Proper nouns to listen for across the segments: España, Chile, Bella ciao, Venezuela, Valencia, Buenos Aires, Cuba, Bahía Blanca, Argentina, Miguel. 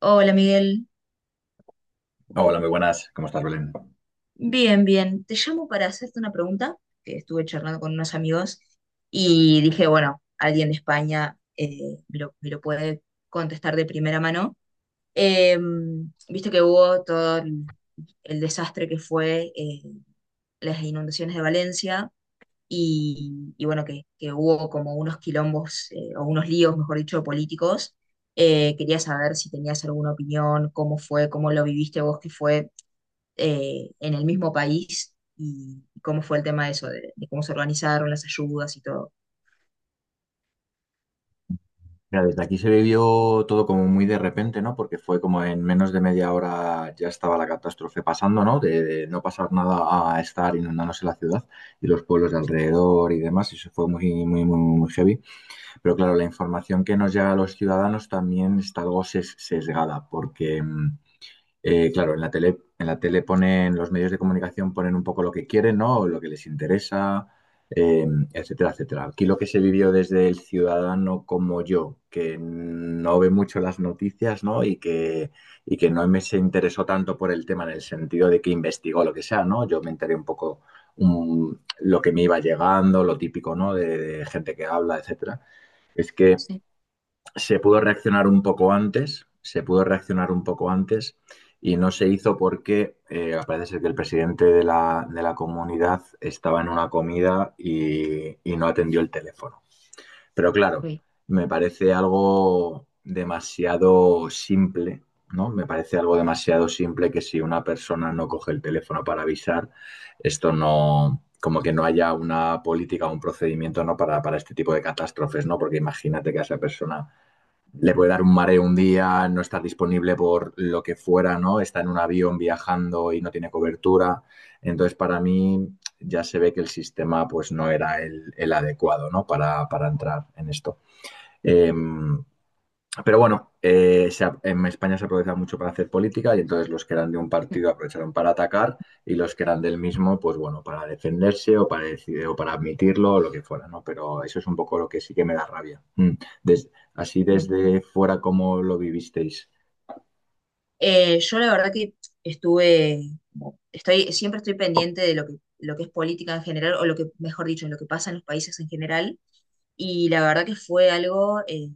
Hola Miguel, Hola, muy buenas. ¿Cómo estás, Belén? bien, bien. Te llamo para hacerte una pregunta que estuve charlando con unos amigos y dije, bueno, alguien de España me lo puede contestar de primera mano. Eh, viste que hubo todo el desastre que fue las inundaciones de Valencia y bueno, que hubo como unos quilombos o unos líos, mejor dicho, políticos. Quería saber si tenías alguna opinión, cómo fue, cómo lo viviste vos, que fue en el mismo país y cómo fue el tema de eso, de cómo se organizaron las ayudas y todo. Mira, desde aquí se vivió todo como muy de repente, ¿no? Porque fue como en menos de media hora ya estaba la catástrofe pasando, ¿no? De no pasar nada a estar inundándose la ciudad y los pueblos de alrededor y demás. Y eso fue muy, muy, muy, muy heavy. Pero claro, la información que nos llega a los ciudadanos también está algo sesgada, porque claro, en la tele ponen, los medios de comunicación ponen un poco lo que quieren, ¿no? O lo que les interesa, eh, etcétera, etcétera. Aquí lo que se vivió desde el ciudadano como yo, que no ve mucho las noticias, ¿no? Y que no me se interesó tanto por el tema en el sentido de que investigó lo que sea, ¿no? Yo me enteré un poco um, lo que me iba llegando, lo típico, ¿no? De gente que habla, etcétera. Es que Sí, se pudo reaccionar un poco antes, se pudo reaccionar un poco antes y no se hizo porque parece ser que el presidente de la comunidad estaba en una comida y, no atendió el teléfono. Pero claro, uy, me parece algo demasiado simple, ¿no? Me parece algo demasiado simple que si una persona no coge el teléfono para avisar, esto no, como que no haya una política o un procedimiento, ¿no? Para este tipo de catástrofes, ¿no? Porque imagínate que a esa persona le puede dar un mareo un día, no estar disponible por lo que fuera, ¿no? Está en un avión viajando y no tiene cobertura. Entonces, para mí ya se ve que el sistema pues no era el adecuado, ¿no? Para entrar en esto. Eh, pero bueno, en España se aprovechaba mucho para hacer política y entonces los que eran de un mm, partido aprovecharon para atacar y los que eran del mismo, pues bueno, para defenderse o o para admitirlo o lo que fuera, ¿no? Pero eso es un poco lo que sí que me da rabia. Mm. Así mm. desde fuera, ¿cómo lo vivisteis? Yo la verdad que estuve, estoy, siempre estoy pendiente de lo que es política en general, o lo que, mejor dicho, lo que pasa en los países en general, y la verdad que fue algo,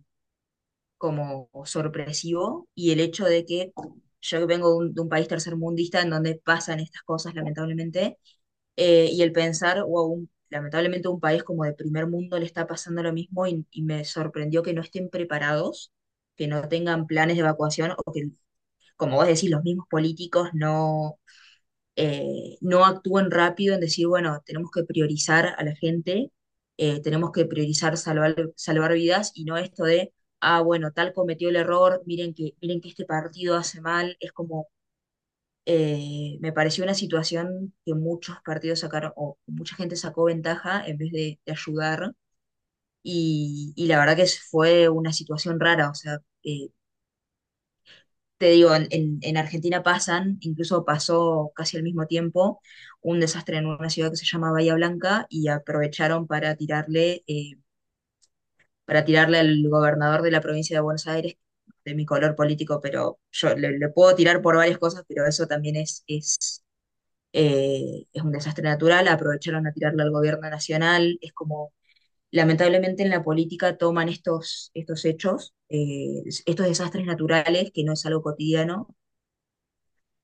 como sorpresivo y el hecho de que yo que vengo de de un país tercermundista en donde pasan estas cosas, lamentablemente, y el pensar, wow, lamentablemente un país como de primer mundo le está pasando lo mismo y me sorprendió que no estén preparados, que no tengan planes de evacuación o que, como vos decís, los mismos políticos no no actúen rápido en decir, bueno, tenemos que priorizar a la gente, tenemos que priorizar salvar, salvar vidas y no esto de, ah, bueno, tal cometió el error, miren que este partido hace mal, es como, me pareció una situación que muchos partidos sacaron, o mucha gente sacó ventaja en vez de ayudar, y la verdad que fue una situación rara, o sea, te digo, en Argentina pasan, incluso pasó casi al mismo tiempo, un desastre en una ciudad que se llama Bahía Blanca y aprovecharon para tirarle al gobernador de la provincia de Buenos Aires, de mi color político, pero yo le puedo tirar por varias cosas, pero eso también es un desastre natural. Aprovecharon a tirarle al gobierno nacional, es como lamentablemente en la política toman estos hechos, estos desastres naturales, que no es algo cotidiano,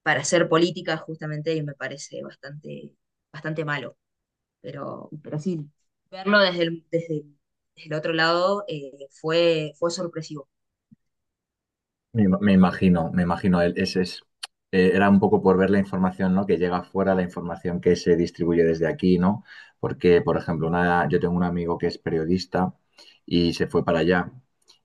para hacer política justamente y me parece bastante, bastante malo. Pero sí, verlo desde desde el otro lado fue, fue sorpresivo. Me imagino. Ese es, era un poco por ver la información, ¿no? Que llega fuera, la información que se distribuye desde aquí, ¿no? Porque, por ejemplo, yo tengo un amigo que es periodista y se fue para allá.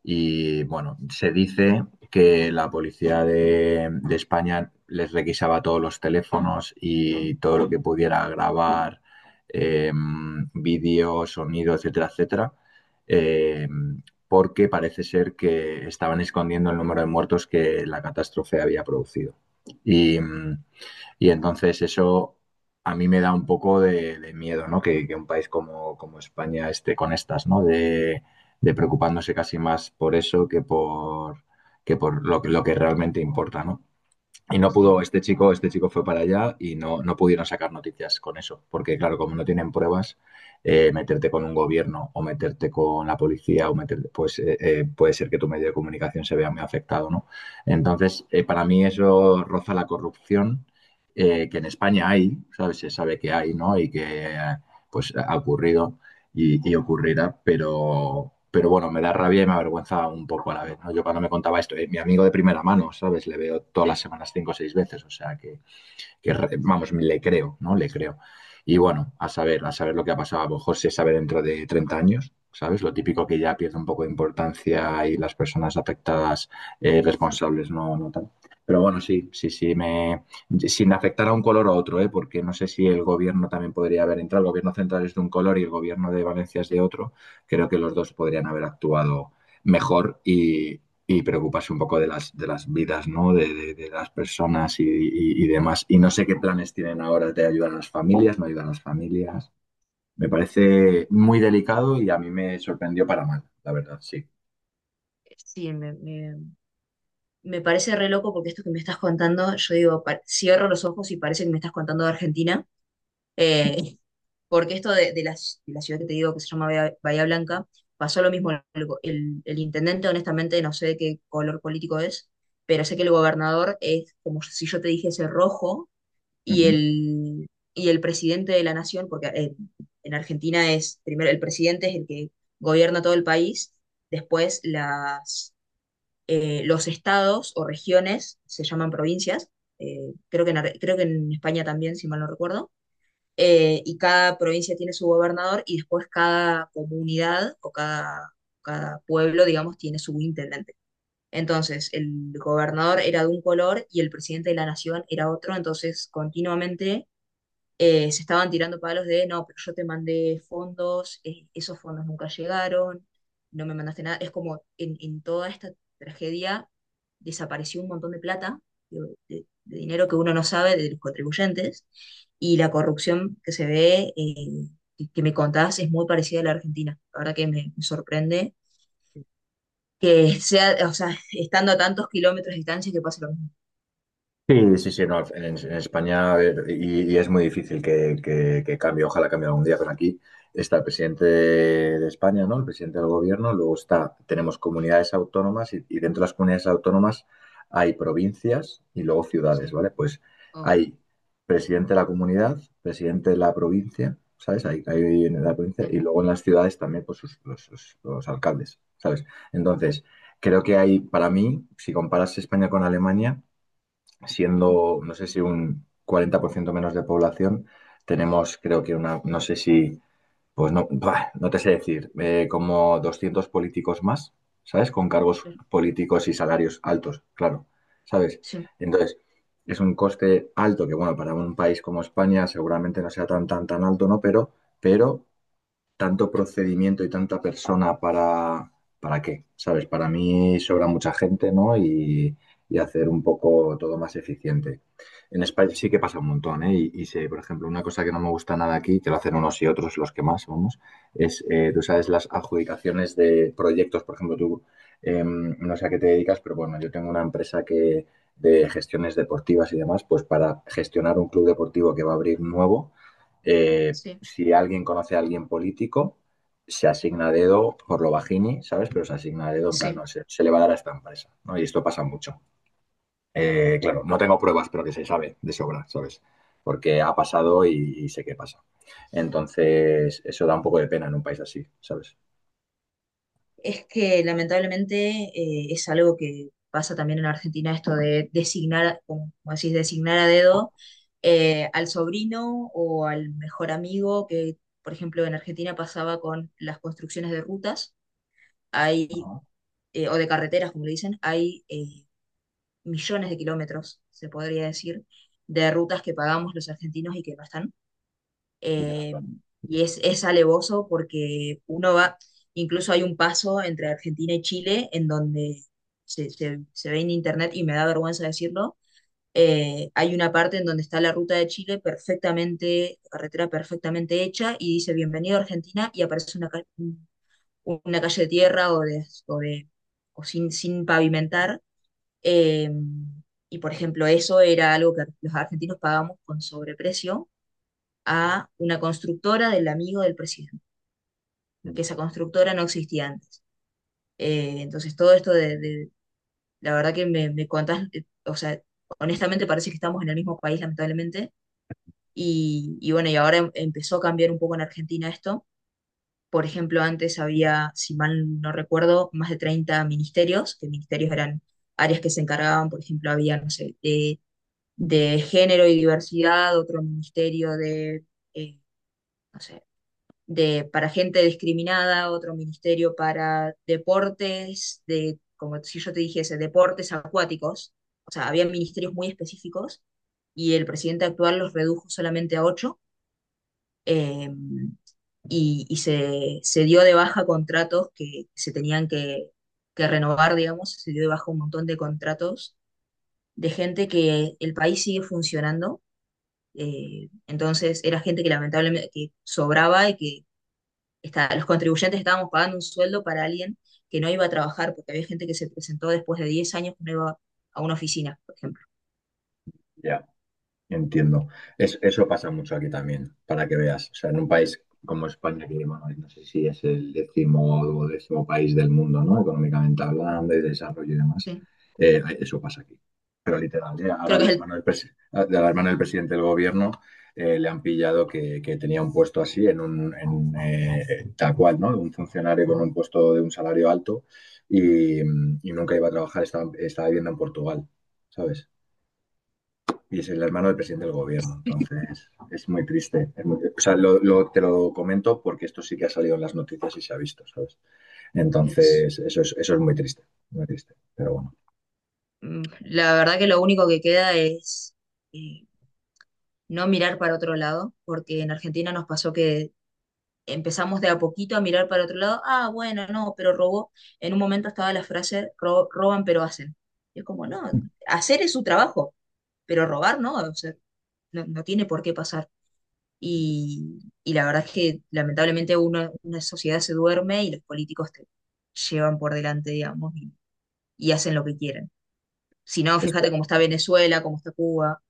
Y bueno, se dice que la policía de España les requisaba todos los teléfonos y todo lo que pudiera grabar, vídeo, sonido, etcétera, etcétera. em, porque parece ser que estaban escondiendo el número de muertos que la catástrofe había producido. Y, y entonces eso a mí me da un poco de, miedo, ¿no? Que un país como, España esté con estas, ¿no? De preocupándose casi más por eso que por, lo que realmente importa, ¿no? Y no Sí, pudo, este chico fue para allá y no pudieron sacar noticias con eso, porque claro, como no tienen pruebas, meterte con un gobierno o meterte con la policía o meterte, pues puede ser que tu medio de comunicación se vea muy afectado, ¿no? Entonces, para mí eso roza la corrupción que en España hay, ¿sabes? Se sabe que hay, ¿no? Y que pues ha ocurrido y, ocurrirá, pero, bueno, me da rabia y me avergüenza un poco a la vez, ¿no? Yo cuando me contaba esto, mi amigo de primera mano, ¿sabes? Le veo todas las sí, semanas 5 o 6 veces, o sea que que vamos, le creo, ¿no? Le creo. Y bueno, a saber lo que ha pasado. A lo mejor se sabe dentro de 30 años, ¿sabes? Lo típico que ya pierde un poco de importancia y las personas afectadas responsables no, no tal. Pero bueno, sí, sí, sí, sin afectar a un color o a otro, ¿eh? Porque no sé si el gobierno también podría haber entrado. El gobierno central es de un color y el gobierno de Valencia es de sí. otro. Creo que los dos podrían haber actuado mejor y, preocuparse un poco de las, vidas, ¿no? De las personas y, demás. Y no sé qué planes tienen ahora de ayudar a las familias, no ayudar a las familias. Me parece muy delicado y a mí me sorprendió para mal, la verdad, sí. Sí, me parece re loco porque esto que me estás contando, yo digo, cierro los ojos y parece que me estás contando de Argentina. Eh, porque esto de, de la ciudad que te digo que se llama Bahía, Bahía Blanca, pasó lo mismo. El intendente, honestamente, no sé de qué color político es, pero sé que el gobernador es como si yo te dijese rojo y Ujú. el, y el presidente de la nación, porque en Argentina es primero el presidente es el que gobierna todo el país, después las, los estados o regiones se llaman provincias. Creo que creo que en España también, si mal no recuerdo y cada provincia tiene su gobernador y después cada comunidad o cada, cada pueblo, digamos, tiene su intendente. Entonces, el gobernador era de un color y el presidente de la nación era otro, entonces continuamente se estaban tirando palos de, no, pero yo te mandé fondos, esos fondos nunca llegaron, no me mandaste nada. Es como en toda esta tragedia desapareció un montón de plata, de, de dinero que uno no sabe de los contribuyentes, y la corrupción que se ve, que me contás, es muy parecida a la Argentina. La verdad que me sorprende que sea, o sea, estando a tantos kilómetros de distancia que pase lo mismo. Sí, sí, sí, no, en España a ver, y es muy difícil que cambie, ojalá cambie algún día, pero aquí está el presidente de España, ¿no? El presidente del gobierno, luego está, tenemos comunidades autónomas y, dentro de las comunidades autónomas hay provincias y luego ciudades, Sí, ¿vale? Pues ok. hay presidente de la comunidad, presidente de la provincia, ¿sabes? Hay en la provincia Mm, y luego en las ciudades también pues los alcaldes, ¿sabes? Entonces, creo que hay, para mí, si comparas España con Alemania, ujú, siendo, no sé si un 40% menos de población, tenemos creo que una, no sé si, pues no, buah, no te sé decir, como 200 políticos más, ¿sabes? Con cargos claro. políticos y salarios altos, claro, ¿sabes? Sí, Entonces, es un coste alto que, bueno, para un país como España seguramente no sea tan, tan, tan alto, ¿no? Pero tanto procedimiento y tanta persona ¿para qué? ¿Sabes? Para mí sobra mucha gente, ¿no? Y hacer un poco todo más eficiente. En España sí que pasa un montón, ¿eh? Y sé, por ejemplo, una cosa que no me gusta nada aquí, que lo hacen unos y otros, los que más, vamos, es, tú sabes, las adjudicaciones de proyectos. Por ejemplo, tú, no sé a qué te dedicas, pero bueno, yo tengo una empresa que de gestiones deportivas y demás, pues para gestionar un club deportivo que va a abrir nuevo, eh, sí, si alguien conoce a alguien político, se asigna dedo por lo bajini, ¿sabes? Pero se asigna dedo en plan, sí. no, se le va a dar a esta empresa, ¿no? Y esto pasa mucho. Claro, no tengo pruebas, pero que se sabe de sobra, ¿sabes? Porque ha pasado y, sé qué pasa. Entonces, eso da un poco de pena en un país así, ¿sabes? Es que lamentablemente es algo que pasa también en Argentina, esto de designar, como como decís, designar a dedo al sobrino o al mejor amigo, que por ejemplo en Argentina pasaba con las construcciones de rutas, hay, Ajá. O de carreteras, como le dicen, hay millones de kilómetros, se podría decir, de rutas que pagamos los argentinos y que no están Y quedas eh, tan- y es alevoso porque uno va, incluso hay un paso entre Argentina y Chile en donde se ve en internet y me da vergüenza decirlo, hay una parte en donde está la ruta de Chile perfectamente, carretera perfectamente hecha y dice bienvenido a Argentina y aparece una, una calle de tierra o de, o sin, sin pavimentar. eh, y por ejemplo, eso era algo que los argentinos pagamos con sobreprecio a una constructora del amigo del presidente, Mm. que esa constructora no existía antes. Entonces todo esto la verdad que me contás, o sea, honestamente parece que estamos en el mismo país, lamentablemente, y bueno, y ahora empezó a cambiar un poco en Argentina esto. Por ejemplo, antes había, si mal no recuerdo, más de 30 ministerios, que ministerios eran áreas que se encargaban, por ejemplo, había, no sé, de género y diversidad, otro ministerio de, eh, no sé, de, para gente discriminada, otro ministerio para deportes, de, como si yo te dijese, deportes acuáticos. O sea, había ministerios muy específicos y el presidente actual los redujo solamente a 8 eh, y, se dio de baja contratos que se tenían que renovar, digamos, se dio de baja un montón de contratos de gente que el país sigue funcionando. Entonces era gente que lamentablemente que sobraba y que los contribuyentes estábamos pagando un sueldo para alguien que no iba a trabajar, porque había gente que se presentó después de 10 años que no iba a una oficina, por ejemplo. Ya. Entiendo. Eso pasa mucho aquí también, para que veas. O sea, en un país como España, que bueno, no sé si es el décimo o décimo país del mundo, ¿no? Económicamente hablando, y de desarrollo y demás, Sí. Eso pasa aquí. Pero literal, ¿eh? Ahora Creo el que es, hermano del, presi- al hermano del presidente del gobierno le han pillado que, tenía un puesto así, en un, tal cual, ¿no? Un funcionario con un puesto de un salario alto y nunca iba a trabajar, estaba viviendo en Portugal, ¿sabes? Y es el hermano del presidente del gobierno. Entonces, es muy triste. O sea, te lo comento porque esto sí que ha salido en las noticias y se ha visto, ¿sabes? el, es, Entonces, eso es muy triste, muy triste. Pero bueno, mm, la verdad que lo único que queda es eh, no mirar para otro lado, porque en Argentina nos pasó que empezamos de a poquito a mirar para otro lado, ah, bueno, no, pero robó. En un momento estaba la frase, roban pero hacen. Y es como, no, hacer es su trabajo, pero robar no, o sea, no tiene por qué pasar. Y la verdad es que lamentablemente uno, una sociedad se duerme y los políticos te llevan por delante, digamos, y hacen lo que quieren. Si no, estoy, fíjate cómo está Venezuela, cómo está Cuba.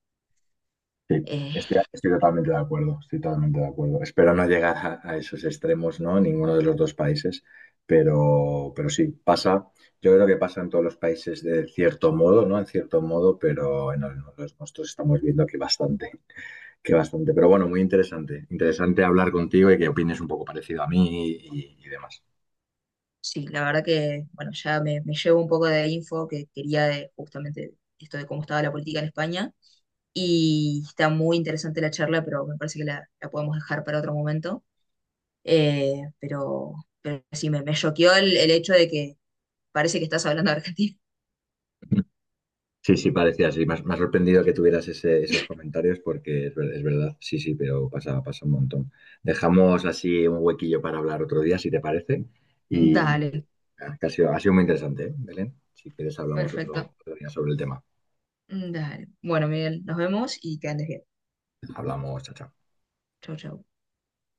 sí, Eh, estoy totalmente de acuerdo, estoy totalmente de acuerdo. Espero no llegar a esos extremos, ¿no? Ninguno de los dos países, pero, sí, pasa. Yo creo que pasa en todos los países de cierto modo, ¿no? En cierto modo, pero en los nuestros estamos viendo que bastante. Que bastante, pero bueno, muy interesante. Interesante hablar contigo y que opines un poco parecido a mí y, demás. sí, la verdad que, bueno, ya me llevo un poco de info que quería de, justamente esto de cómo estaba la política en España. Y está muy interesante la charla, pero me parece que la podemos dejar para otro momento. Eh, pero, pero sí, me choqueó el hecho de que parece que estás hablando de Argentina. Sí, sí, parecía así. Me ha sorprendido que tuvieras esos comentarios porque es verdad, sí, sí, pero pasa, pasa un montón. Dejamos así un huequillo para hablar otro día, si te parece. Y Dale. Que ha sido muy interesante, ¿eh, Belén? Si quieres, hablamos otro, Perfecto. otro día sobre el tema. Mm, Dale. Bueno, Miguel, nos vemos y que andes bien. Hablamos, chao, chao. Chau, chau.